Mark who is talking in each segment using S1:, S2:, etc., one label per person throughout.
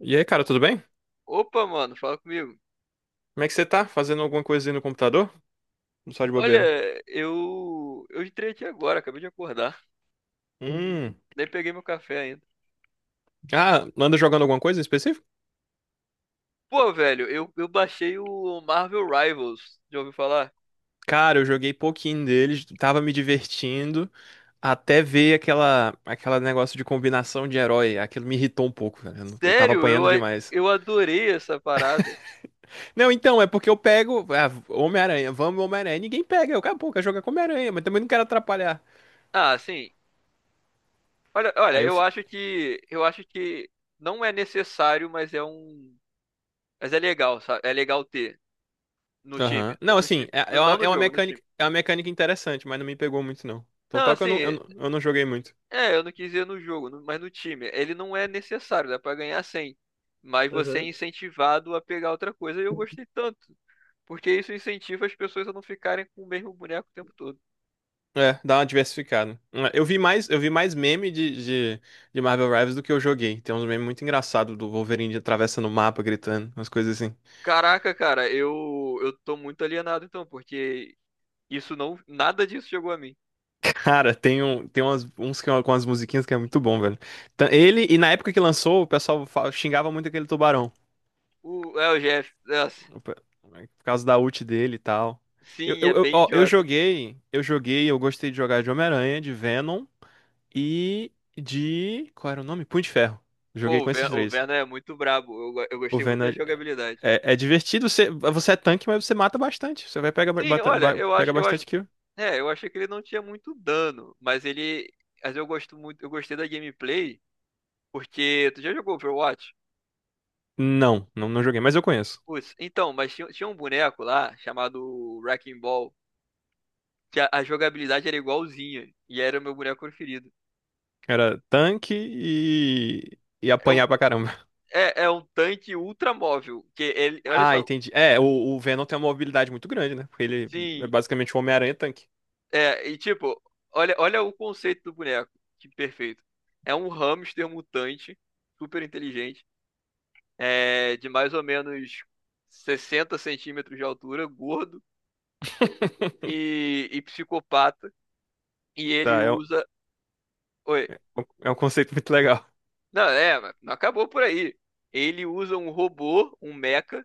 S1: E aí, cara, tudo bem?
S2: Opa, mano, fala comigo.
S1: Como é que você tá? Fazendo alguma coisa aí no computador? Não, só de
S2: Olha,
S1: bobeira.
S2: eu entrei aqui agora, acabei de acordar.
S1: Hum.
S2: Nem peguei meu café ainda.
S1: Ah, anda jogando alguma coisa em específico?
S2: Pô, velho, eu baixei o Marvel Rivals. Já ouviu falar?
S1: Cara, eu joguei pouquinho deles, tava me divertindo, até ver aquela negócio de combinação de herói. Aquilo me irritou um pouco, velho. Eu tava
S2: Sério,
S1: apanhando demais.
S2: eu adorei essa parada.
S1: Não, então, é porque eu pego. Ah, Homem-Aranha, vamos Homem-Aranha. Ninguém pega. Eu, cara, pô, quero jogar com Homem-Aranha, mas também não quero atrapalhar.
S2: Ah, sim. Olha, olha,
S1: Aí eu.
S2: eu
S1: fi-
S2: acho que eu acho que não é necessário, mas é legal, sabe? É legal ter no time,
S1: Aham.
S2: no,
S1: Não,
S2: no
S1: assim,
S2: time, No- não no jogo, no time.
S1: é uma mecânica interessante, mas não me pegou muito, não. Então,
S2: Não,
S1: tal que eu não, eu
S2: assim,
S1: não eu não joguei muito.
S2: é, eu não quis dizer no jogo, mas no time. Ele não é necessário, dá pra ganhar 100. Mas você é incentivado a pegar outra coisa. E eu gostei tanto. Porque isso incentiva as pessoas a não ficarem com o mesmo boneco o tempo todo.
S1: É, dá uma diversificada. É, eu vi mais meme de, de Marvel Rivals do que eu joguei. Tem uns memes muito engraçados do Wolverine atravessando o mapa, gritando, umas coisas assim.
S2: Caraca, cara, eu tô muito alienado então, porque isso não. Nada disso chegou a mim.
S1: Cara, tem, um, tem umas, uns que, com as musiquinhas que é muito bom, velho. E na época que lançou, o pessoal xingava muito aquele tubarão.
S2: O Jeff. Nossa,
S1: o pe- Por causa da ult dele e tal.
S2: sim, é bem
S1: Ó,
S2: idiota.
S1: eu joguei, eu gostei de jogar de Homem-Aranha, de Venom e de. Qual era o nome? Punho de Ferro. Joguei
S2: Pô, o
S1: com esses
S2: Ven- o
S1: três.
S2: Venom é muito brabo. Eu
S1: O
S2: gostei muito da
S1: Venom.
S2: jogabilidade.
S1: É divertido, você é tanque, mas você mata bastante. Você vai pegar
S2: Sim, olha, eu acho,
S1: pega
S2: eu acho,
S1: bastante kill.
S2: é, eu achei que ele não tinha muito dano, mas ele, mas eu gosto muito, eu gostei da gameplay, porque tu já jogou Overwatch?
S1: Não, não, não joguei, mas eu conheço.
S2: Putz, então, mas tinha um boneco lá chamado Wrecking Ball, que a jogabilidade era igualzinha e era o meu boneco preferido.
S1: Era tanque e
S2: É um,
S1: apanhar pra caramba.
S2: é um tanque ultra móvel, que ele, olha
S1: Ah,
S2: só,
S1: entendi. É, o Venom tem uma mobilidade muito grande, né? Porque ele é
S2: sim,
S1: basicamente o Homem-Aranha tanque.
S2: é, e tipo, olha, olha o conceito do boneco, que perfeito. É um hamster mutante, super inteligente é, de mais ou menos 60 centímetros de altura, gordo e psicopata. E ele
S1: Tá,
S2: usa. Oi.
S1: é um conceito muito legal.
S2: Não, é, mas não acabou por aí. Ele usa um robô, um mecha,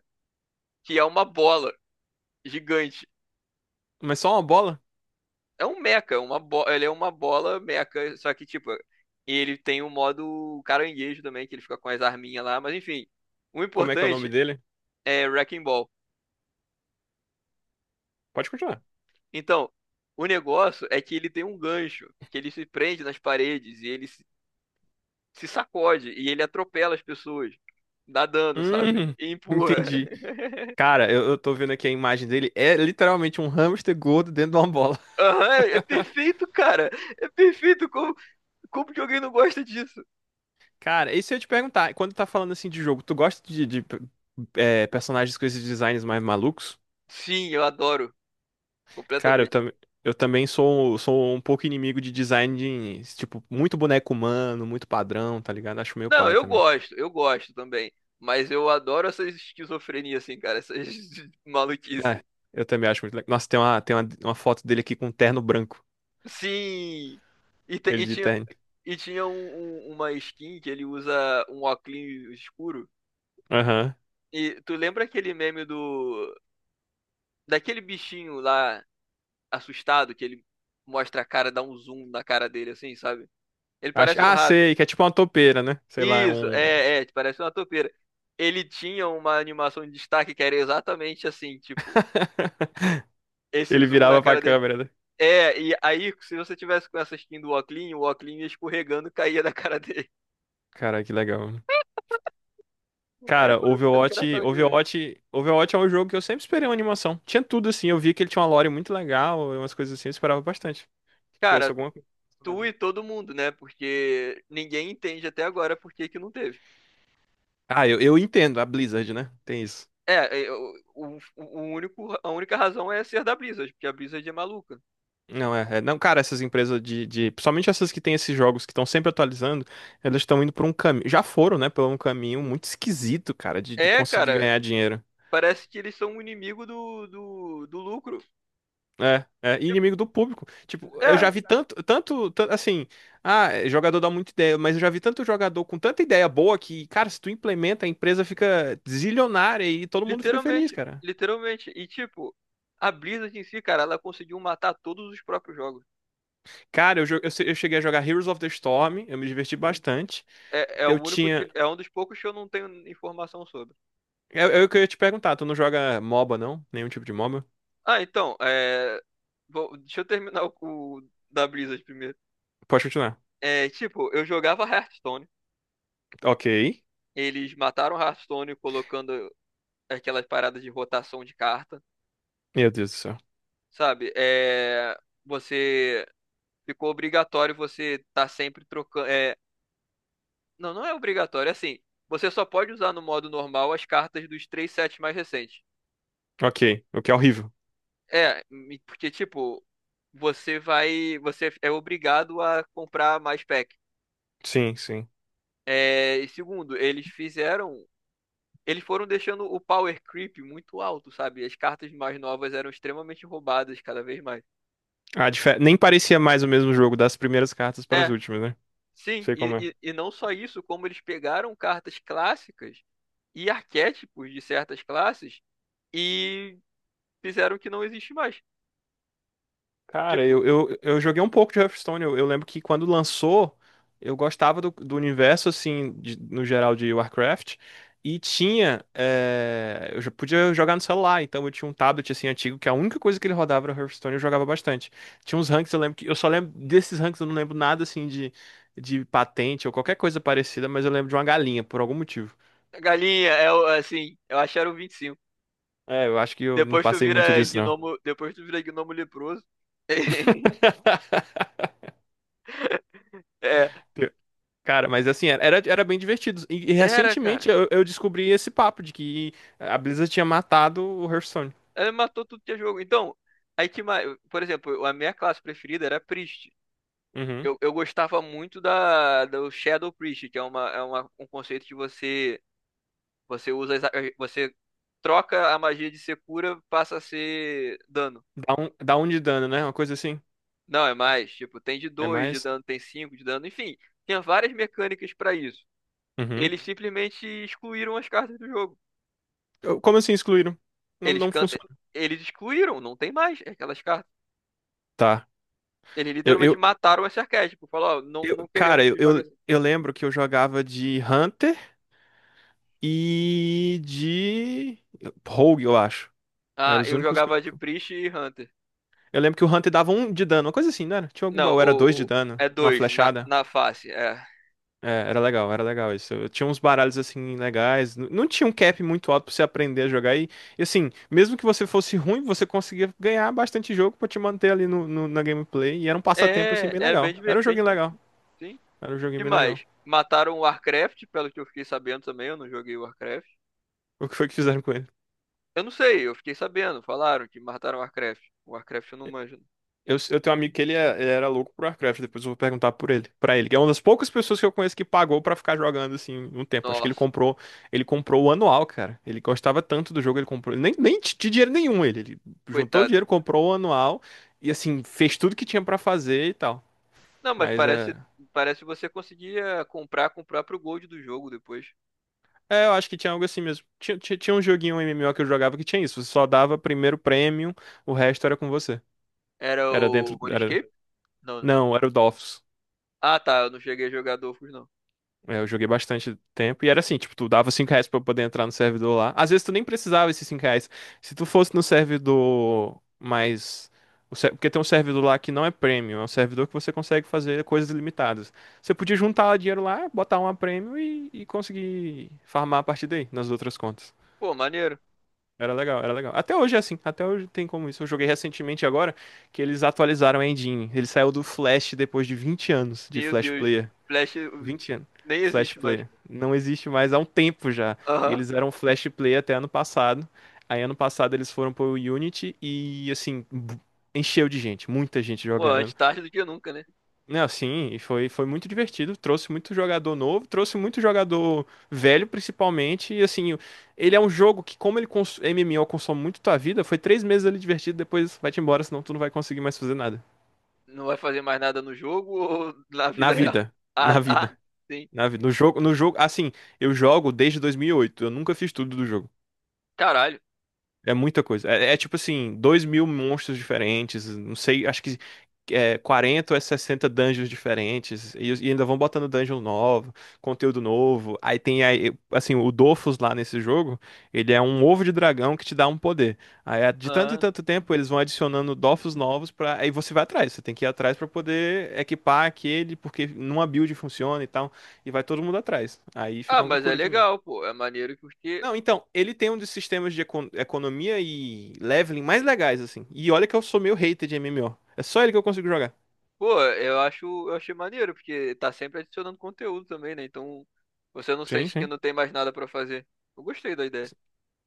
S2: que é uma bola gigante.
S1: Mas só uma bola?
S2: É um mecha, uma bo... ele é uma bola mecha, só que tipo. Ele tem um modo caranguejo também, que ele fica com as arminhas lá, mas enfim. O
S1: Como é que é o nome
S2: importante
S1: dele?
S2: é Wrecking Ball.
S1: Pode continuar.
S2: Então, o negócio é que ele tem um gancho, que ele se prende nas paredes e ele se sacode e ele atropela as pessoas. Dá dano, sabe?
S1: Hum,
S2: E empurra.
S1: entendi. Cara, eu tô vendo aqui a imagem dele. É literalmente um hamster gordo dentro de uma bola.
S2: Aham, é perfeito, cara. É perfeito. Como, como que alguém não gosta disso?
S1: Cara, isso se eu ia te perguntar, quando tá falando assim de jogo, tu gosta de personagens com esses designs mais malucos?
S2: Sim, eu adoro.
S1: Cara,
S2: Completamente.
S1: eu também sou um pouco inimigo de design de, tipo, muito boneco humano, muito padrão, tá ligado? Acho meio
S2: Não,
S1: paia
S2: eu
S1: também.
S2: gosto. Eu gosto também. Mas eu adoro essas esquizofrenias, assim, cara. Essas maluquices.
S1: É, eu também acho muito legal. Nossa, uma foto dele aqui com um terno branco.
S2: Sim. E, te-
S1: Ele
S2: e
S1: de
S2: tinha,
S1: terno.
S2: e tinha uma skin que ele usa um óculos escuro.
S1: Aham.
S2: E tu lembra aquele meme do... Daquele bichinho lá assustado, que ele mostra a cara, dá um zoom na cara dele, assim, sabe? Ele
S1: Acho,
S2: parece um rato.
S1: sei, que é tipo uma toupeira, né? Sei lá.
S2: Isso, é, é, tipo, parece uma topeira. Ele tinha uma animação de destaque que era exatamente assim, tipo, esse
S1: Ele
S2: zoom na
S1: virava pra
S2: cara dele.
S1: câmera, né?
S2: É, e aí, se você tivesse com essa skin do Oclean, o Oclean ia escorregando e caía da cara dele.
S1: Cara, que legal.
S2: É a
S1: Cara,
S2: coisa mais engraçada que eu já vi.
S1: Overwatch é um jogo que eu sempre esperei uma animação. Tinha tudo assim, eu vi que ele tinha uma lore muito legal, umas coisas assim, eu esperava bastante. Que tivesse
S2: Cara,
S1: alguma coisa
S2: tu
S1: relacionada.
S2: e todo mundo, né? Porque ninguém entende até agora por que que não teve.
S1: Ah, eu entendo, a Blizzard, né? Tem isso.
S2: É, é, a única razão é ser da Blizzard, porque a Blizzard é maluca.
S1: Não, não, cara, essas empresas de, principalmente essas que têm esses jogos que estão sempre atualizando, elas estão indo por um caminho, já foram, né, por um caminho muito esquisito, cara, de
S2: É,
S1: conseguir
S2: cara,
S1: ganhar dinheiro.
S2: parece que eles são um inimigo do lucro.
S1: É, e
S2: Tipo,
S1: inimigo do público. Tipo, eu
S2: é,
S1: já vi tanto, tanto, assim, jogador dá muita ideia, mas eu já vi tanto jogador com tanta ideia boa que, cara, se tu implementa, a empresa fica zilionária e todo mundo fica feliz,
S2: literalmente,
S1: cara.
S2: literalmente. E tipo, a Blizzard em si, cara, ela conseguiu matar todos os próprios jogos.
S1: Cara, eu, jo- eu, se- eu cheguei a jogar Heroes of the Storm, eu me diverti bastante.
S2: É, é o
S1: Eu
S2: único
S1: tinha.
S2: que, é um dos poucos que eu não tenho informação sobre.
S1: Eu, que eu ia te perguntar, tu não joga MOBA, não? Nenhum tipo de MOBA?
S2: Ah, então, é, deixa eu terminar o, da Blizzard primeiro.
S1: Pode continuar.
S2: É, tipo, eu jogava Hearthstone.
S1: Ok.
S2: Eles mataram Hearthstone colocando aquelas paradas de rotação de carta,
S1: Meu Deus do céu.
S2: sabe? É, você ficou obrigatório você estar sempre trocando. É, não, não é obrigatório. É assim, você só pode usar no modo normal as cartas dos três sets mais recentes.
S1: Ok, o que é horrível.
S2: É, porque, tipo, você vai. Você é obrigado a comprar mais pack.
S1: Sim, sim.
S2: É, e segundo, eles fizeram. Eles foram deixando o power creep muito alto, sabe? As cartas mais novas eram extremamente roubadas cada vez mais.
S1: Ah, nem parecia mais o mesmo jogo das primeiras cartas para as
S2: É,
S1: últimas, né?
S2: sim,
S1: Sei
S2: e,
S1: como é.
S2: e, e não só isso, como eles pegaram cartas clássicas e arquétipos de certas classes e fizeram que não existe mais.
S1: Cara,
S2: Tipo,
S1: eu joguei um pouco de Hearthstone. Eu lembro que quando lançou, eu gostava do universo, assim, no geral de Warcraft. E tinha. Eu já podia jogar no celular, então eu tinha um tablet, assim, antigo, que a única coisa que ele rodava era Hearthstone, eu jogava bastante. Tinha uns ranks, eu lembro que. Eu só lembro desses ranks, eu não lembro nada, assim, de patente ou qualquer coisa parecida, mas eu lembro de uma galinha, por algum motivo.
S2: a galinha é assim, eu acho era o 25.
S1: É, eu acho que eu não
S2: Depois tu
S1: passei muito
S2: vira
S1: disso, não.
S2: gnomo, depois tu vira gnomo leproso. É,
S1: Cara, mas assim, era bem divertido. E
S2: era, cara.
S1: recentemente eu descobri esse papo de que a Blizzard tinha matado o Hearthstone.
S2: Ela matou tudo que é jogo. Então, aí que mais, por exemplo, a minha classe preferida era Priest.
S1: Uhum.
S2: Eu gostava muito da do Shadow Priest, que é uma um conceito que você usa exa- você troca a magia de ser cura, passa a ser dano.
S1: Dá um de dano, né? Uma coisa assim.
S2: Não, é mais, tipo, tem de
S1: É
S2: dois de
S1: mais.
S2: dano, tem 5 de dano, enfim, tinha várias mecânicas pra isso.
S1: Uhum.
S2: Eles simplesmente excluíram as cartas do jogo.
S1: Como assim excluíram? Não,
S2: Eles,
S1: não
S2: can-
S1: funciona.
S2: eles excluíram, não tem mais aquelas cartas.
S1: Tá.
S2: Eles
S1: Eu,
S2: literalmente
S1: eu,
S2: mataram esse arquétipo. Falou, ó, não, não
S1: cara,
S2: queremos que jogue assim.
S1: eu lembro que eu jogava de Hunter e de Rogue, eu acho. Eram
S2: Ah,
S1: os
S2: eu
S1: únicos que
S2: jogava
S1: eu.
S2: de Priest e Hunter.
S1: Eu lembro que o Hunter dava um de dano, uma coisa assim, não era? Tinha algum
S2: Não,
S1: baú, era dois de dano,
S2: é
S1: uma
S2: dois na,
S1: flechada.
S2: na face. É,
S1: É, era legal isso. Eu tinha uns baralhos assim legais. Não tinha um cap muito alto pra você aprender a jogar. E, assim, mesmo que você fosse ruim, você conseguia ganhar bastante jogo pra te manter ali na gameplay. E era um passatempo assim
S2: é,
S1: bem
S2: é bem,
S1: legal. Era um
S2: bem
S1: joguinho legal.
S2: divertido. Sim.
S1: Era um joguinho
S2: E
S1: bem legal.
S2: mais? Mataram o Warcraft, pelo que eu fiquei sabendo também, eu não joguei o Warcraft.
S1: O que foi que fizeram com ele?
S2: Eu não sei, eu fiquei sabendo, falaram que mataram o Warcraft. O Warcraft eu não manjo.
S1: Eu tenho um amigo que ele, ele era louco por Warcraft, depois eu vou perguntar por ele, pra ele, que é uma das poucas pessoas que eu conheço que pagou pra ficar jogando assim um tempo. Acho que
S2: Nossa,
S1: ele comprou o anual, cara. Ele gostava tanto do jogo, ele comprou, nem de dinheiro nenhum ele juntou o dinheiro,
S2: coitado.
S1: comprou o anual e assim fez tudo que tinha pra fazer e tal.
S2: Não, mas
S1: Mas
S2: parece, parece que você conseguia comprar com o próprio Gold do jogo depois.
S1: é, eu acho que tinha algo assim mesmo. Tinha um joguinho um MMO que eu jogava que tinha isso, você só dava primeiro prêmio, o resto era com você.
S2: Era
S1: Era
S2: o
S1: dentro, era,
S2: RuneScape? Não, né?
S1: não, era o Dofus.
S2: Ah, tá, eu não cheguei a jogar Dofus, não.
S1: É, eu joguei bastante tempo e era assim, tipo, tu dava R$ 5 pra poder entrar no servidor lá. Às vezes tu nem precisava esses R$ 5. Se tu fosse no servidor mais, porque tem um servidor lá que não é premium, é um servidor que você consegue fazer coisas ilimitadas. Você podia juntar dinheiro lá, botar uma premium e conseguir farmar a partir daí, nas outras contas.
S2: Pô, maneiro.
S1: Era legal, era legal. Até hoje é assim, até hoje tem como isso. Eu joguei recentemente agora que eles atualizaram a engine. Ele saiu do Flash depois de 20 anos de
S2: Meu
S1: Flash
S2: Deus,
S1: Player
S2: Flash
S1: 20 anos.
S2: nem
S1: Flash
S2: existe mais.
S1: Player. Não existe mais há um tempo já. E
S2: Aham.
S1: eles eram Flash Player até ano passado. Aí ano passado eles foram pro Unity e assim, encheu de gente, muita gente
S2: Pô,
S1: jogando.
S2: antes tarde do que nunca, né?
S1: Não, assim, e foi muito divertido. Trouxe muito jogador novo, trouxe muito jogador velho, principalmente. E assim, ele é um jogo que, como ele cons MMO consome muito tua vida, foi 3 meses ali divertido, depois vai-te embora, senão tu não vai conseguir mais fazer nada.
S2: Não vai fazer mais nada no jogo ou na
S1: Na
S2: vida real?
S1: vida.
S2: Ah,
S1: Na
S2: tá.
S1: vida.
S2: Sim.
S1: Na vida. No jogo, assim, eu jogo desde 2008, eu nunca fiz tudo do jogo.
S2: Caralho.
S1: É muita coisa. É tipo assim, 2 mil monstros diferentes, não sei, acho que 40 ou é 60 dungeons diferentes, e ainda vão botando dungeon novo, conteúdo novo. Aí tem, aí, assim, o Dofus lá nesse jogo, ele é um ovo de dragão que te dá um poder. Aí de tanto em
S2: Ah,
S1: tanto tempo eles vão adicionando Dofus novos pra. Aí você vai atrás, você tem que ir atrás pra poder equipar aquele, porque numa build funciona e tal, e vai todo mundo atrás. Aí fica
S2: ah,
S1: uma
S2: mas é
S1: loucura de novo.
S2: legal, pô. É maneiro porque
S1: Não, então, ele tem um dos sistemas de economia e leveling mais legais, assim. E olha que eu sou meio hater de MMO. É só ele que eu consigo jogar.
S2: Pô, eu acho, eu achei maneiro, porque tá sempre adicionando conteúdo também, né? Então você não
S1: Sim,
S2: sente que
S1: sim.
S2: não tem mais nada pra fazer. Eu gostei da ideia.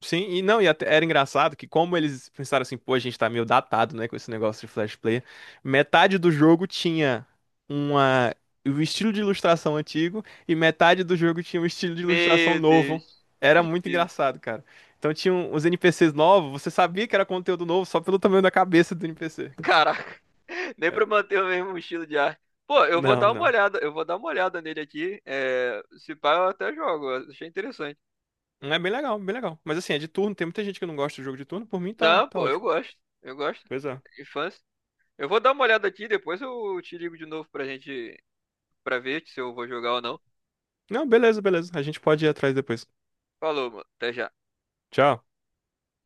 S1: Sim, e não, e até era engraçado que como eles pensaram assim, pô, a gente tá meio datado, né, com esse negócio de Flash Player, metade do jogo tinha uma o estilo de ilustração antigo e metade do jogo tinha um estilo de ilustração
S2: Meu
S1: novo.
S2: Deus, que
S1: Era muito
S2: tristeza.
S1: engraçado, cara. Então tinha uns NPCs novos, você sabia que era conteúdo novo só pelo tamanho da cabeça do NPC.
S2: Caraca, nem pra
S1: Era-
S2: manter o mesmo estilo de arte. Pô, eu vou
S1: Não,
S2: dar uma
S1: não.
S2: olhada, eu vou dar uma olhada nele aqui. É, se pá, eu até jogo, eu achei interessante.
S1: É bem legal, bem legal. Mas assim, é de turno, tem muita gente que não gosta de jogo de turno, por mim
S2: Não,
S1: tá
S2: pô, eu
S1: ótimo.
S2: gosto, eu gosto.
S1: Pois é.
S2: Infância. Eu vou dar uma olhada aqui, depois eu te ligo de novo pra gente, pra ver se eu vou jogar ou não.
S1: Não, beleza, beleza. A gente pode ir atrás depois.
S2: Falou, mano, até já.
S1: Tchau.